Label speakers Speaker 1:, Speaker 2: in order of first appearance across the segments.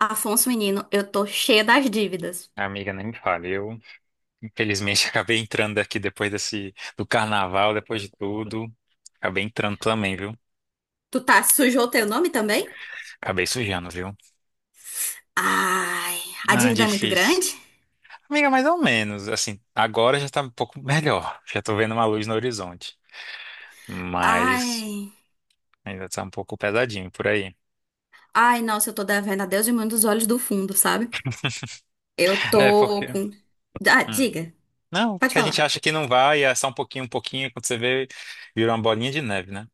Speaker 1: Afonso, menino, eu tô cheia das dívidas.
Speaker 2: Amiga, nem me fale. Eu, infelizmente, acabei entrando aqui depois desse, do carnaval, depois de tudo. Acabei entrando também, viu?
Speaker 1: Tu tá sujou teu nome também?
Speaker 2: Acabei sujando, viu?
Speaker 1: Ai, a
Speaker 2: Ah,
Speaker 1: dívida é muito
Speaker 2: difícil.
Speaker 1: grande?
Speaker 2: Amiga, mais ou menos. Assim, agora já tá um pouco melhor. Já tô vendo uma luz no horizonte. Mas
Speaker 1: Ai,
Speaker 2: ainda tá um pouco pesadinho por aí.
Speaker 1: ai, nossa, eu tô devendo a Deus e mundo dos olhos do fundo, sabe? Eu
Speaker 2: É,
Speaker 1: tô
Speaker 2: porque.
Speaker 1: com. Ah,
Speaker 2: Hum.
Speaker 1: diga,
Speaker 2: Não,
Speaker 1: pode
Speaker 2: porque a gente
Speaker 1: falar.
Speaker 2: acha que não vai, e é só um pouquinho, quando você vê, virou uma bolinha de neve, né?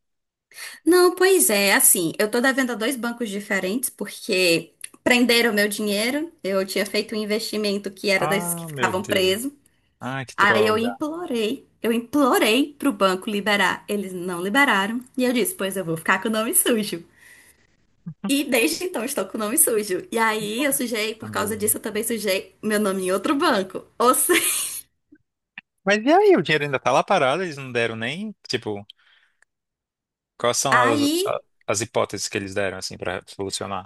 Speaker 1: Não, pois é, assim, eu tô devendo a dois bancos diferentes porque prenderam meu dinheiro. Eu tinha feito um investimento que era desses que
Speaker 2: Ah, meu
Speaker 1: ficavam
Speaker 2: Deus.
Speaker 1: presos.
Speaker 2: Ai, que
Speaker 1: Aí eu
Speaker 2: droga,
Speaker 1: implorei, eu implorei pro banco liberar. Eles não liberaram. E eu disse, pois eu vou ficar com o nome sujo. E desde então estou com o nome sujo. E aí eu sujei, por causa
Speaker 2: amiga.
Speaker 1: disso eu também sujei meu nome em outro banco. Ou seja,
Speaker 2: Mas e aí, o dinheiro ainda tá lá parado, eles não deram nem, tipo, quais são as, a-
Speaker 1: aí,
Speaker 2: as hipóteses que eles deram, assim, pra solucionar?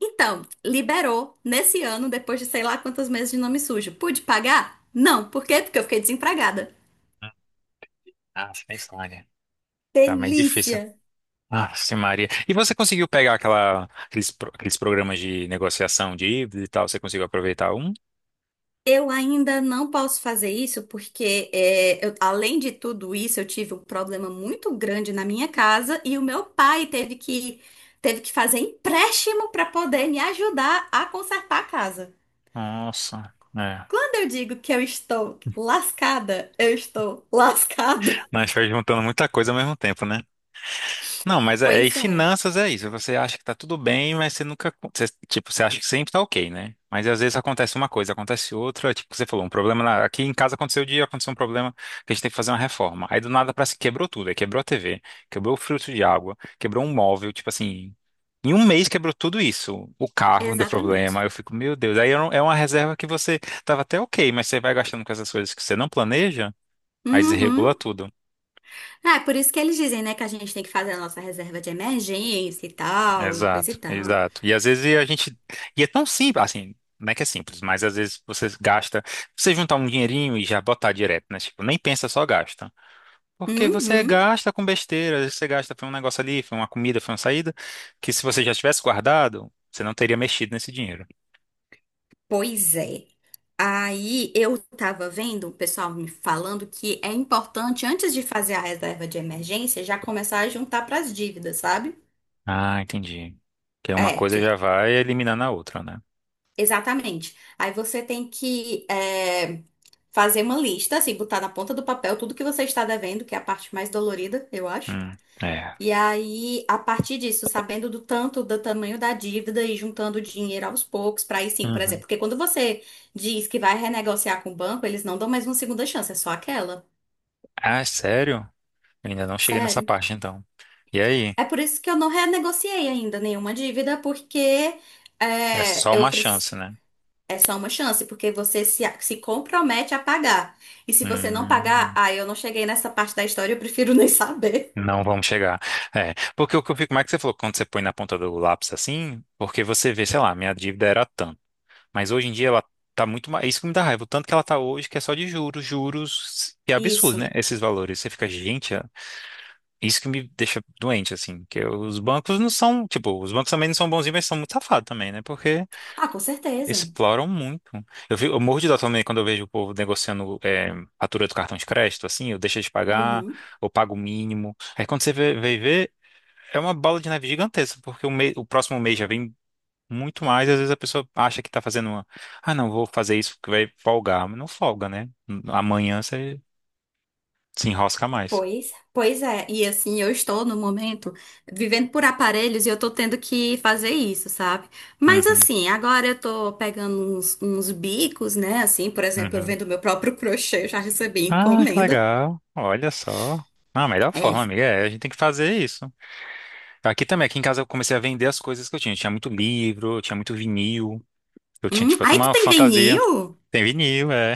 Speaker 1: então, liberou nesse ano, depois de sei lá quantos meses de nome sujo. Pude pagar? Não. Por quê? Porque eu fiquei desempregada.
Speaker 2: Ah, nem falha. Tá meio difícil.
Speaker 1: Delícia!
Speaker 2: Ah, sim, Maria. E você conseguiu pegar aquela, aqueles, pro- aqueles programas de negociação de dívida e tal? Você conseguiu aproveitar um?
Speaker 1: Eu ainda não posso fazer isso porque, é, além de tudo isso, eu tive um problema muito grande na minha casa e o meu pai teve que fazer empréstimo para poder me ajudar a consertar a casa.
Speaker 2: Nossa, é.
Speaker 1: Quando eu digo que eu estou lascada, eu estou lascada.
Speaker 2: Mas foi juntando muita coisa ao mesmo tempo, né? Não, mas é, e
Speaker 1: Pois é,
Speaker 2: finanças é isso. Você acha que tá tudo bem, mas você nunca, você, tipo, você acha que sempre tá ok, né? Mas às vezes acontece uma coisa, acontece outra, tipo, você falou, um problema na- aqui em casa aconteceu o dia, aconteceu um problema que a gente tem que fazer uma reforma. Aí do nada parece que quebrou tudo, aí quebrou a TV, quebrou o filtro de água, quebrou um móvel, tipo assim, em um mês quebrou tudo isso. O carro deu
Speaker 1: exatamente.
Speaker 2: problema, eu fico, meu Deus, aí é um- é uma reserva que você tava até ok, mas você vai gastando com essas coisas que você não planeja, aí desregula
Speaker 1: Uhum.
Speaker 2: tudo.
Speaker 1: Ah, é por isso que eles dizem, né, que a gente tem que fazer a nossa reserva de emergência e tal, coisa e
Speaker 2: Exato,
Speaker 1: tal.
Speaker 2: exato. E às vezes a gente. E é tão simples, assim, não é que é simples, mas às vezes você gasta. Você juntar um dinheirinho e já botar direto, né? Tipo, nem pensa, só gasta. Porque você
Speaker 1: Uhum.
Speaker 2: gasta com besteira, às vezes você gasta, foi um negócio ali, foi uma comida, foi uma saída, que se você já tivesse guardado, você não teria mexido nesse dinheiro.
Speaker 1: Pois é. Aí eu tava vendo o pessoal me falando que é importante, antes de fazer a reserva de emergência, já começar a juntar pras dívidas, sabe?
Speaker 2: Ah, entendi. Que uma
Speaker 1: É,
Speaker 2: coisa
Speaker 1: tipo,
Speaker 2: já vai eliminando a outra, né?
Speaker 1: exatamente. Aí você tem que é, fazer uma lista, assim, botar na ponta do papel tudo que você está devendo, que é a parte mais dolorida, eu acho.
Speaker 2: Hum, é.
Speaker 1: E aí, a partir disso, sabendo do tanto do tamanho da dívida e juntando dinheiro aos poucos, para aí sim, por exemplo,
Speaker 2: Uhum.
Speaker 1: porque quando você diz que vai renegociar com o banco, eles não dão mais uma segunda chance, é só aquela.
Speaker 2: Ah, é sério? Eu ainda não cheguei nessa
Speaker 1: Sério.
Speaker 2: parte, então. E aí?
Speaker 1: É por isso que eu não renegociei ainda nenhuma dívida, porque
Speaker 2: É
Speaker 1: é,
Speaker 2: só uma chance, né?
Speaker 1: é só uma chance, porque você se compromete a pagar. E se você não pagar,
Speaker 2: Hum.
Speaker 1: ah, eu não cheguei nessa parte da história, eu prefiro nem saber.
Speaker 2: Não vamos chegar. É, porque o que eu fico, como é que você falou, quando você põe na ponta do lápis assim, porque você vê, sei lá, minha dívida era tanto, mas hoje em dia ela tá muito mais, isso que me dá raiva, o tanto que ela tá hoje, que é só de juros, juros, que é absurdo, né?
Speaker 1: Isso.
Speaker 2: Esses valores, você fica, gente, é- isso que me deixa doente, assim, que os bancos não são, tipo, os bancos também não são bonzinhos, mas são muito safados também, né? Porque
Speaker 1: Ah, com certeza.
Speaker 2: exploram muito. Eu, vi- eu morro de dó também quando eu vejo o povo negociando é, fatura do cartão de crédito, assim, eu deixo de pagar,
Speaker 1: Uhum.
Speaker 2: ou pago o mínimo. Aí quando você vê, é uma bola de neve gigantesca, porque o, me- o próximo mês já vem muito mais. Às vezes a pessoa acha que tá fazendo uma. Ah, não, vou fazer isso porque vai folgar. Mas não folga, né? Amanhã você se enrosca mais.
Speaker 1: Pois é, e assim, eu estou no momento vivendo por aparelhos e eu tô tendo que fazer isso, sabe? Mas
Speaker 2: Uhum,
Speaker 1: assim, agora eu tô pegando uns bicos, né? Assim, por exemplo, eu
Speaker 2: uhum.
Speaker 1: vendo meu próprio crochê, eu já recebi
Speaker 2: Ah, que
Speaker 1: encomenda.
Speaker 2: legal. Olha só. Ah, a melhor
Speaker 1: É.
Speaker 2: forma, amiga, é a gente tem que fazer isso. Aqui também, aqui em casa eu comecei a vender as coisas que eu tinha. Eu tinha muito livro, eu tinha muito vinil. Eu tinha, tipo, até
Speaker 1: Aí tu
Speaker 2: uma
Speaker 1: tem
Speaker 2: fantasia.
Speaker 1: vinil?
Speaker 2: Tem vinil, é.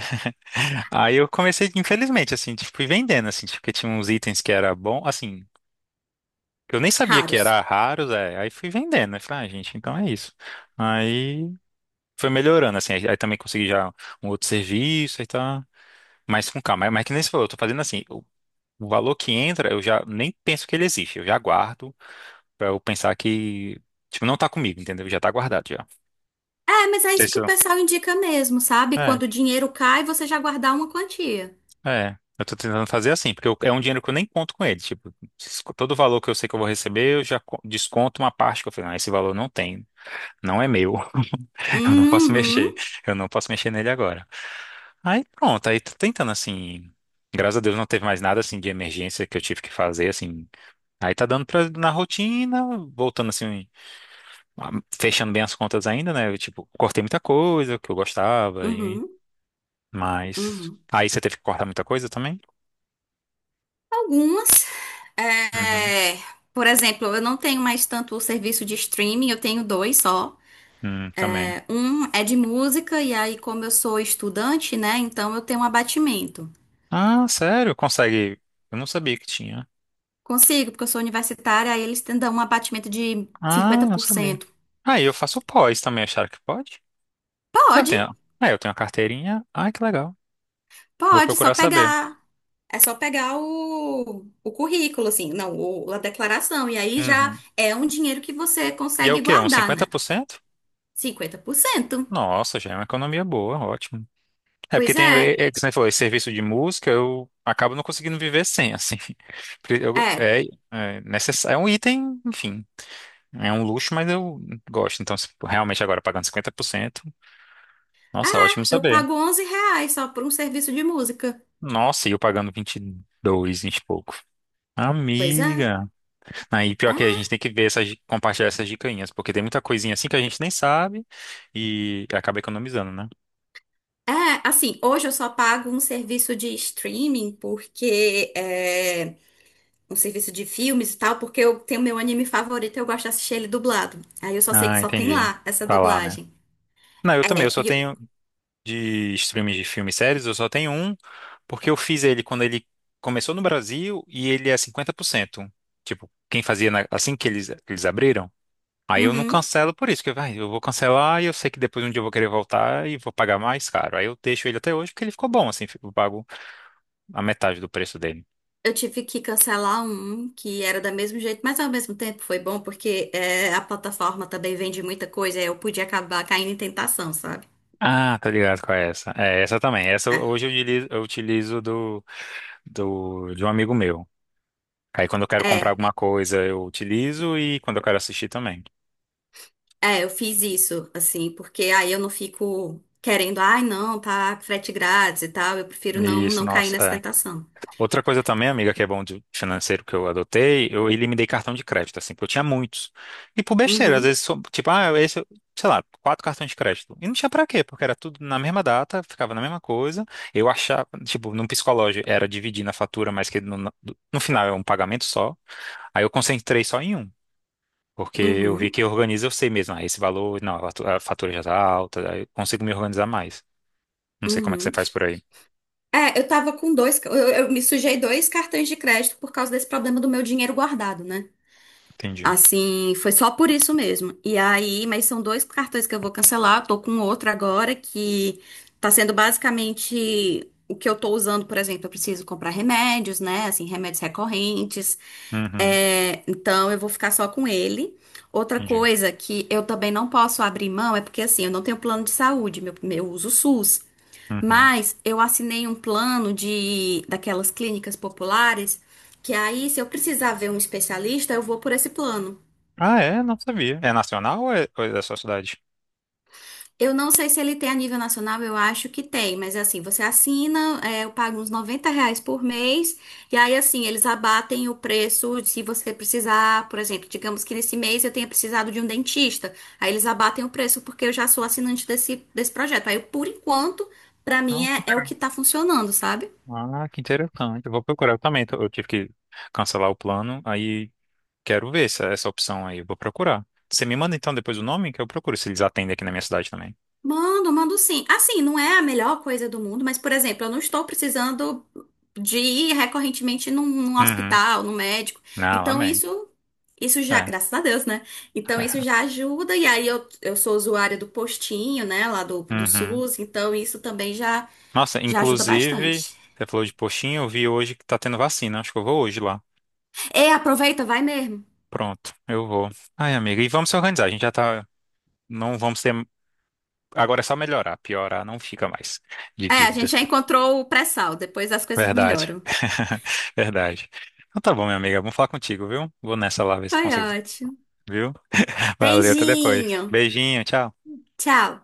Speaker 2: Aí eu comecei, infelizmente, assim, tipo, fui vendendo, assim, tipo, porque tinha uns itens que era bom, assim. Eu nem sabia que
Speaker 1: Raros.
Speaker 2: era raros é. Aí fui vendendo, né? Falei, ah, gente, então é isso. Aí foi melhorando, assim. Aí também consegui já um outro serviço, aí tá mais com calma. Mas que nem você falou, eu tô fazendo assim, o valor que entra, eu já nem penso que ele existe. Eu já guardo pra eu pensar que, tipo, não tá comigo, entendeu? Já tá guardado já. Não
Speaker 1: É, mas é
Speaker 2: sei
Speaker 1: isso que
Speaker 2: se
Speaker 1: o
Speaker 2: eu-
Speaker 1: pessoal indica mesmo, sabe?
Speaker 2: É,
Speaker 1: Quando o dinheiro cai, você já guardar uma quantia.
Speaker 2: é. Eu tô tentando fazer assim, porque eu- é um dinheiro que eu nem conto com ele. Tipo, todo o valor que eu sei que eu vou receber, eu já co- desconto uma parte que eu falei, não, esse valor não tem, não é meu. Eu não posso mexer.
Speaker 1: Uhum,
Speaker 2: Eu não posso mexer nele agora. Aí pronto, aí tô tentando assim. Graças a Deus não teve mais nada assim de emergência que eu tive que fazer assim. Aí tá dando pra, na rotina, voltando assim, ah, fechando bem as contas ainda, né? Eu, tipo, cortei muita coisa que eu gostava e
Speaker 1: uhum,
Speaker 2: mas
Speaker 1: uhum.
Speaker 2: aí você teve que cortar muita coisa também?
Speaker 1: Algumas,
Speaker 2: Uhum.
Speaker 1: é, por exemplo, eu não tenho mais tanto o serviço de streaming, eu tenho dois só.
Speaker 2: Também.
Speaker 1: É, um é de música, e aí, como eu sou estudante, né, então eu tenho um abatimento.
Speaker 2: Ah, sério? Consegue? Eu não sabia que tinha.
Speaker 1: Consigo, porque eu sou universitária, aí dão um abatimento de
Speaker 2: Ah,
Speaker 1: cinquenta
Speaker 2: eu não
Speaker 1: por
Speaker 2: sabia.
Speaker 1: cento
Speaker 2: Aí eu faço pós também, acharam que pode? Eu
Speaker 1: Pode,
Speaker 2: tenho. Ah eu tenho a carteirinha. Ai, que legal. Vou
Speaker 1: pode, só
Speaker 2: procurar saber.
Speaker 1: pegar. É só pegar o currículo, assim, não, o, a declaração. E aí já
Speaker 2: Uhum.
Speaker 1: é um dinheiro que você
Speaker 2: E é o
Speaker 1: consegue
Speaker 2: quê? Uns
Speaker 1: guardar,
Speaker 2: cinquenta
Speaker 1: né?
Speaker 2: por cento?
Speaker 1: 50%.
Speaker 2: Nossa, já é uma economia boa, ótimo. É porque
Speaker 1: Pois
Speaker 2: tem, é,
Speaker 1: é.
Speaker 2: é, que você falou, esse serviço de música, eu acabo não conseguindo viver sem, assim. Porque eu-
Speaker 1: É.
Speaker 2: é, é necessário, é um item, enfim, é um luxo, mas eu gosto. Então, se realmente agora pagando 50%, nossa,
Speaker 1: Ah,
Speaker 2: ótimo
Speaker 1: eu
Speaker 2: saber.
Speaker 1: pago R$ 11 só por um serviço de música.
Speaker 2: Nossa, e eu pagando 22, 20 e pouco.
Speaker 1: Pois é.
Speaker 2: Amiga. Aí, pior que a
Speaker 1: É,
Speaker 2: gente tem que ver essas, di- compartilhar essas dicainhas, porque tem muita coisinha assim que a gente nem sabe e acaba economizando, né?
Speaker 1: é, assim, hoje eu só pago um serviço de streaming, porque é um serviço de filmes e tal, porque eu tenho meu anime favorito e eu gosto de assistir ele dublado. Aí eu só sei que
Speaker 2: Ah,
Speaker 1: só tem
Speaker 2: entendi.
Speaker 1: lá essa
Speaker 2: Tá lá, né?
Speaker 1: dublagem.
Speaker 2: Não, eu também, eu
Speaker 1: É,
Speaker 2: só
Speaker 1: e eu,
Speaker 2: tenho de streams de filme e séries, eu só tenho um, porque eu fiz ele quando ele começou no Brasil e ele é 50%. Tipo, quem fazia na- assim que eles abriram. Aí eu não
Speaker 1: Uhum.
Speaker 2: cancelo por isso, porque vai, eu vou cancelar e eu sei que depois um dia eu vou querer voltar e vou pagar mais caro. Aí eu deixo ele até hoje porque ele ficou bom, assim, eu pago a metade do preço dele.
Speaker 1: Eu tive que cancelar um que era do mesmo jeito, mas ao mesmo tempo foi bom porque é, a plataforma também vende muita coisa, aí eu podia acabar caindo em tentação, sabe?
Speaker 2: Ah, tá ligado com essa. É, essa também. Essa
Speaker 1: É.
Speaker 2: hoje eu utilizo do, do, de um amigo meu. Aí quando eu quero comprar
Speaker 1: É.
Speaker 2: alguma coisa, eu utilizo e quando eu quero assistir também.
Speaker 1: É, eu fiz isso, assim, porque aí eu não fico querendo, ai, não, tá frete grátis e tal, eu prefiro não,
Speaker 2: Isso,
Speaker 1: não cair
Speaker 2: nossa,
Speaker 1: nessa
Speaker 2: é.
Speaker 1: tentação.
Speaker 2: Outra coisa também, amiga, que é bom de financeiro que eu adotei, eu eliminei cartão de crédito, assim, porque eu tinha muitos. E por besteira, às
Speaker 1: Uhum,
Speaker 2: vezes, só- tipo, ah, esse, sei lá, quatro cartões de crédito. E não tinha pra quê, porque era tudo na mesma data, ficava na mesma coisa. Eu achava, tipo, num psicológico, era dividir na fatura, mas que no, no final é um pagamento só. Aí eu concentrei só em um. Porque eu vi
Speaker 1: uhum,
Speaker 2: que organiza, eu sei mesmo, ah, esse valor, não, a fatu- a fatura já tá alta, aí eu consigo me organizar mais. Não sei como é que você
Speaker 1: uhum.
Speaker 2: faz por aí.
Speaker 1: É, eu tava com dois, eu me sujei dois cartões de crédito por causa desse problema do meu dinheiro guardado, né?
Speaker 2: Entendi.
Speaker 1: Assim, foi só por isso mesmo. E aí, mas são dois cartões que eu vou cancelar. Eu tô com outro agora que tá sendo basicamente o que eu tô usando. Por exemplo, eu preciso comprar remédios, né? Assim, remédios recorrentes.
Speaker 2: Uhum,
Speaker 1: É, então eu vou ficar só com ele. Outra
Speaker 2: entendi.
Speaker 1: coisa que eu também não posso abrir mão é porque assim, eu não tenho plano de saúde, meu, eu uso o SUS.
Speaker 2: Uhum.
Speaker 1: Mas eu assinei um plano de daquelas clínicas populares que aí, se eu precisar ver um especialista, eu vou por esse plano.
Speaker 2: Ah, é? Não sabia. É nacional ou é da sua cidade?
Speaker 1: Eu não sei se ele tem a nível nacional, eu acho que tem, mas assim, você assina, é, eu pago uns R$ 90 por mês, e aí assim, eles abatem o preço se você precisar, por exemplo, digamos que nesse mês eu tenha precisado de um dentista, aí eles abatem o preço porque eu já sou assinante desse projeto. Aí, por enquanto, pra mim
Speaker 2: Ah, que
Speaker 1: é, é o que
Speaker 2: legal.
Speaker 1: tá funcionando, sabe?
Speaker 2: Ah, que interessante. Eu vou procurar eu também. Tô- eu tive que cancelar o plano, aí quero ver essa, essa opção aí. Eu vou procurar. Você me manda então depois o nome que eu procuro se eles atendem aqui na minha cidade também.
Speaker 1: Mando sim. Assim, não é a melhor coisa do mundo, mas, por exemplo, eu não estou precisando de ir recorrentemente num
Speaker 2: Uhum.
Speaker 1: hospital, num médico.
Speaker 2: Não,
Speaker 1: Então,
Speaker 2: amém.
Speaker 1: isso já,
Speaker 2: É.
Speaker 1: graças a Deus, né? Então, isso já ajuda. E aí, eu sou usuária do postinho, né, lá do
Speaker 2: Uhum.
Speaker 1: SUS. Então, isso também já,
Speaker 2: Nossa,
Speaker 1: já ajuda
Speaker 2: inclusive,
Speaker 1: bastante.
Speaker 2: você falou de postinho, eu vi hoje que tá tendo vacina. Acho que eu vou hoje lá.
Speaker 1: E aproveita, vai mesmo.
Speaker 2: Pronto, eu vou. Ai, amiga, e vamos se organizar. A gente já tá. Não vamos ter. Agora é só melhorar. Piorar não fica mais de
Speaker 1: É, a gente
Speaker 2: dívida.
Speaker 1: já encontrou o pré-sal. Depois as coisas
Speaker 2: Verdade.
Speaker 1: melhoram.
Speaker 2: Verdade. Então tá bom, minha amiga. Vamos falar contigo, viu? Vou nessa lá ver se eu
Speaker 1: Foi
Speaker 2: consigo,
Speaker 1: ótimo.
Speaker 2: viu? Valeu, até depois.
Speaker 1: Beijinho.
Speaker 2: Beijinho, tchau.
Speaker 1: Tchau.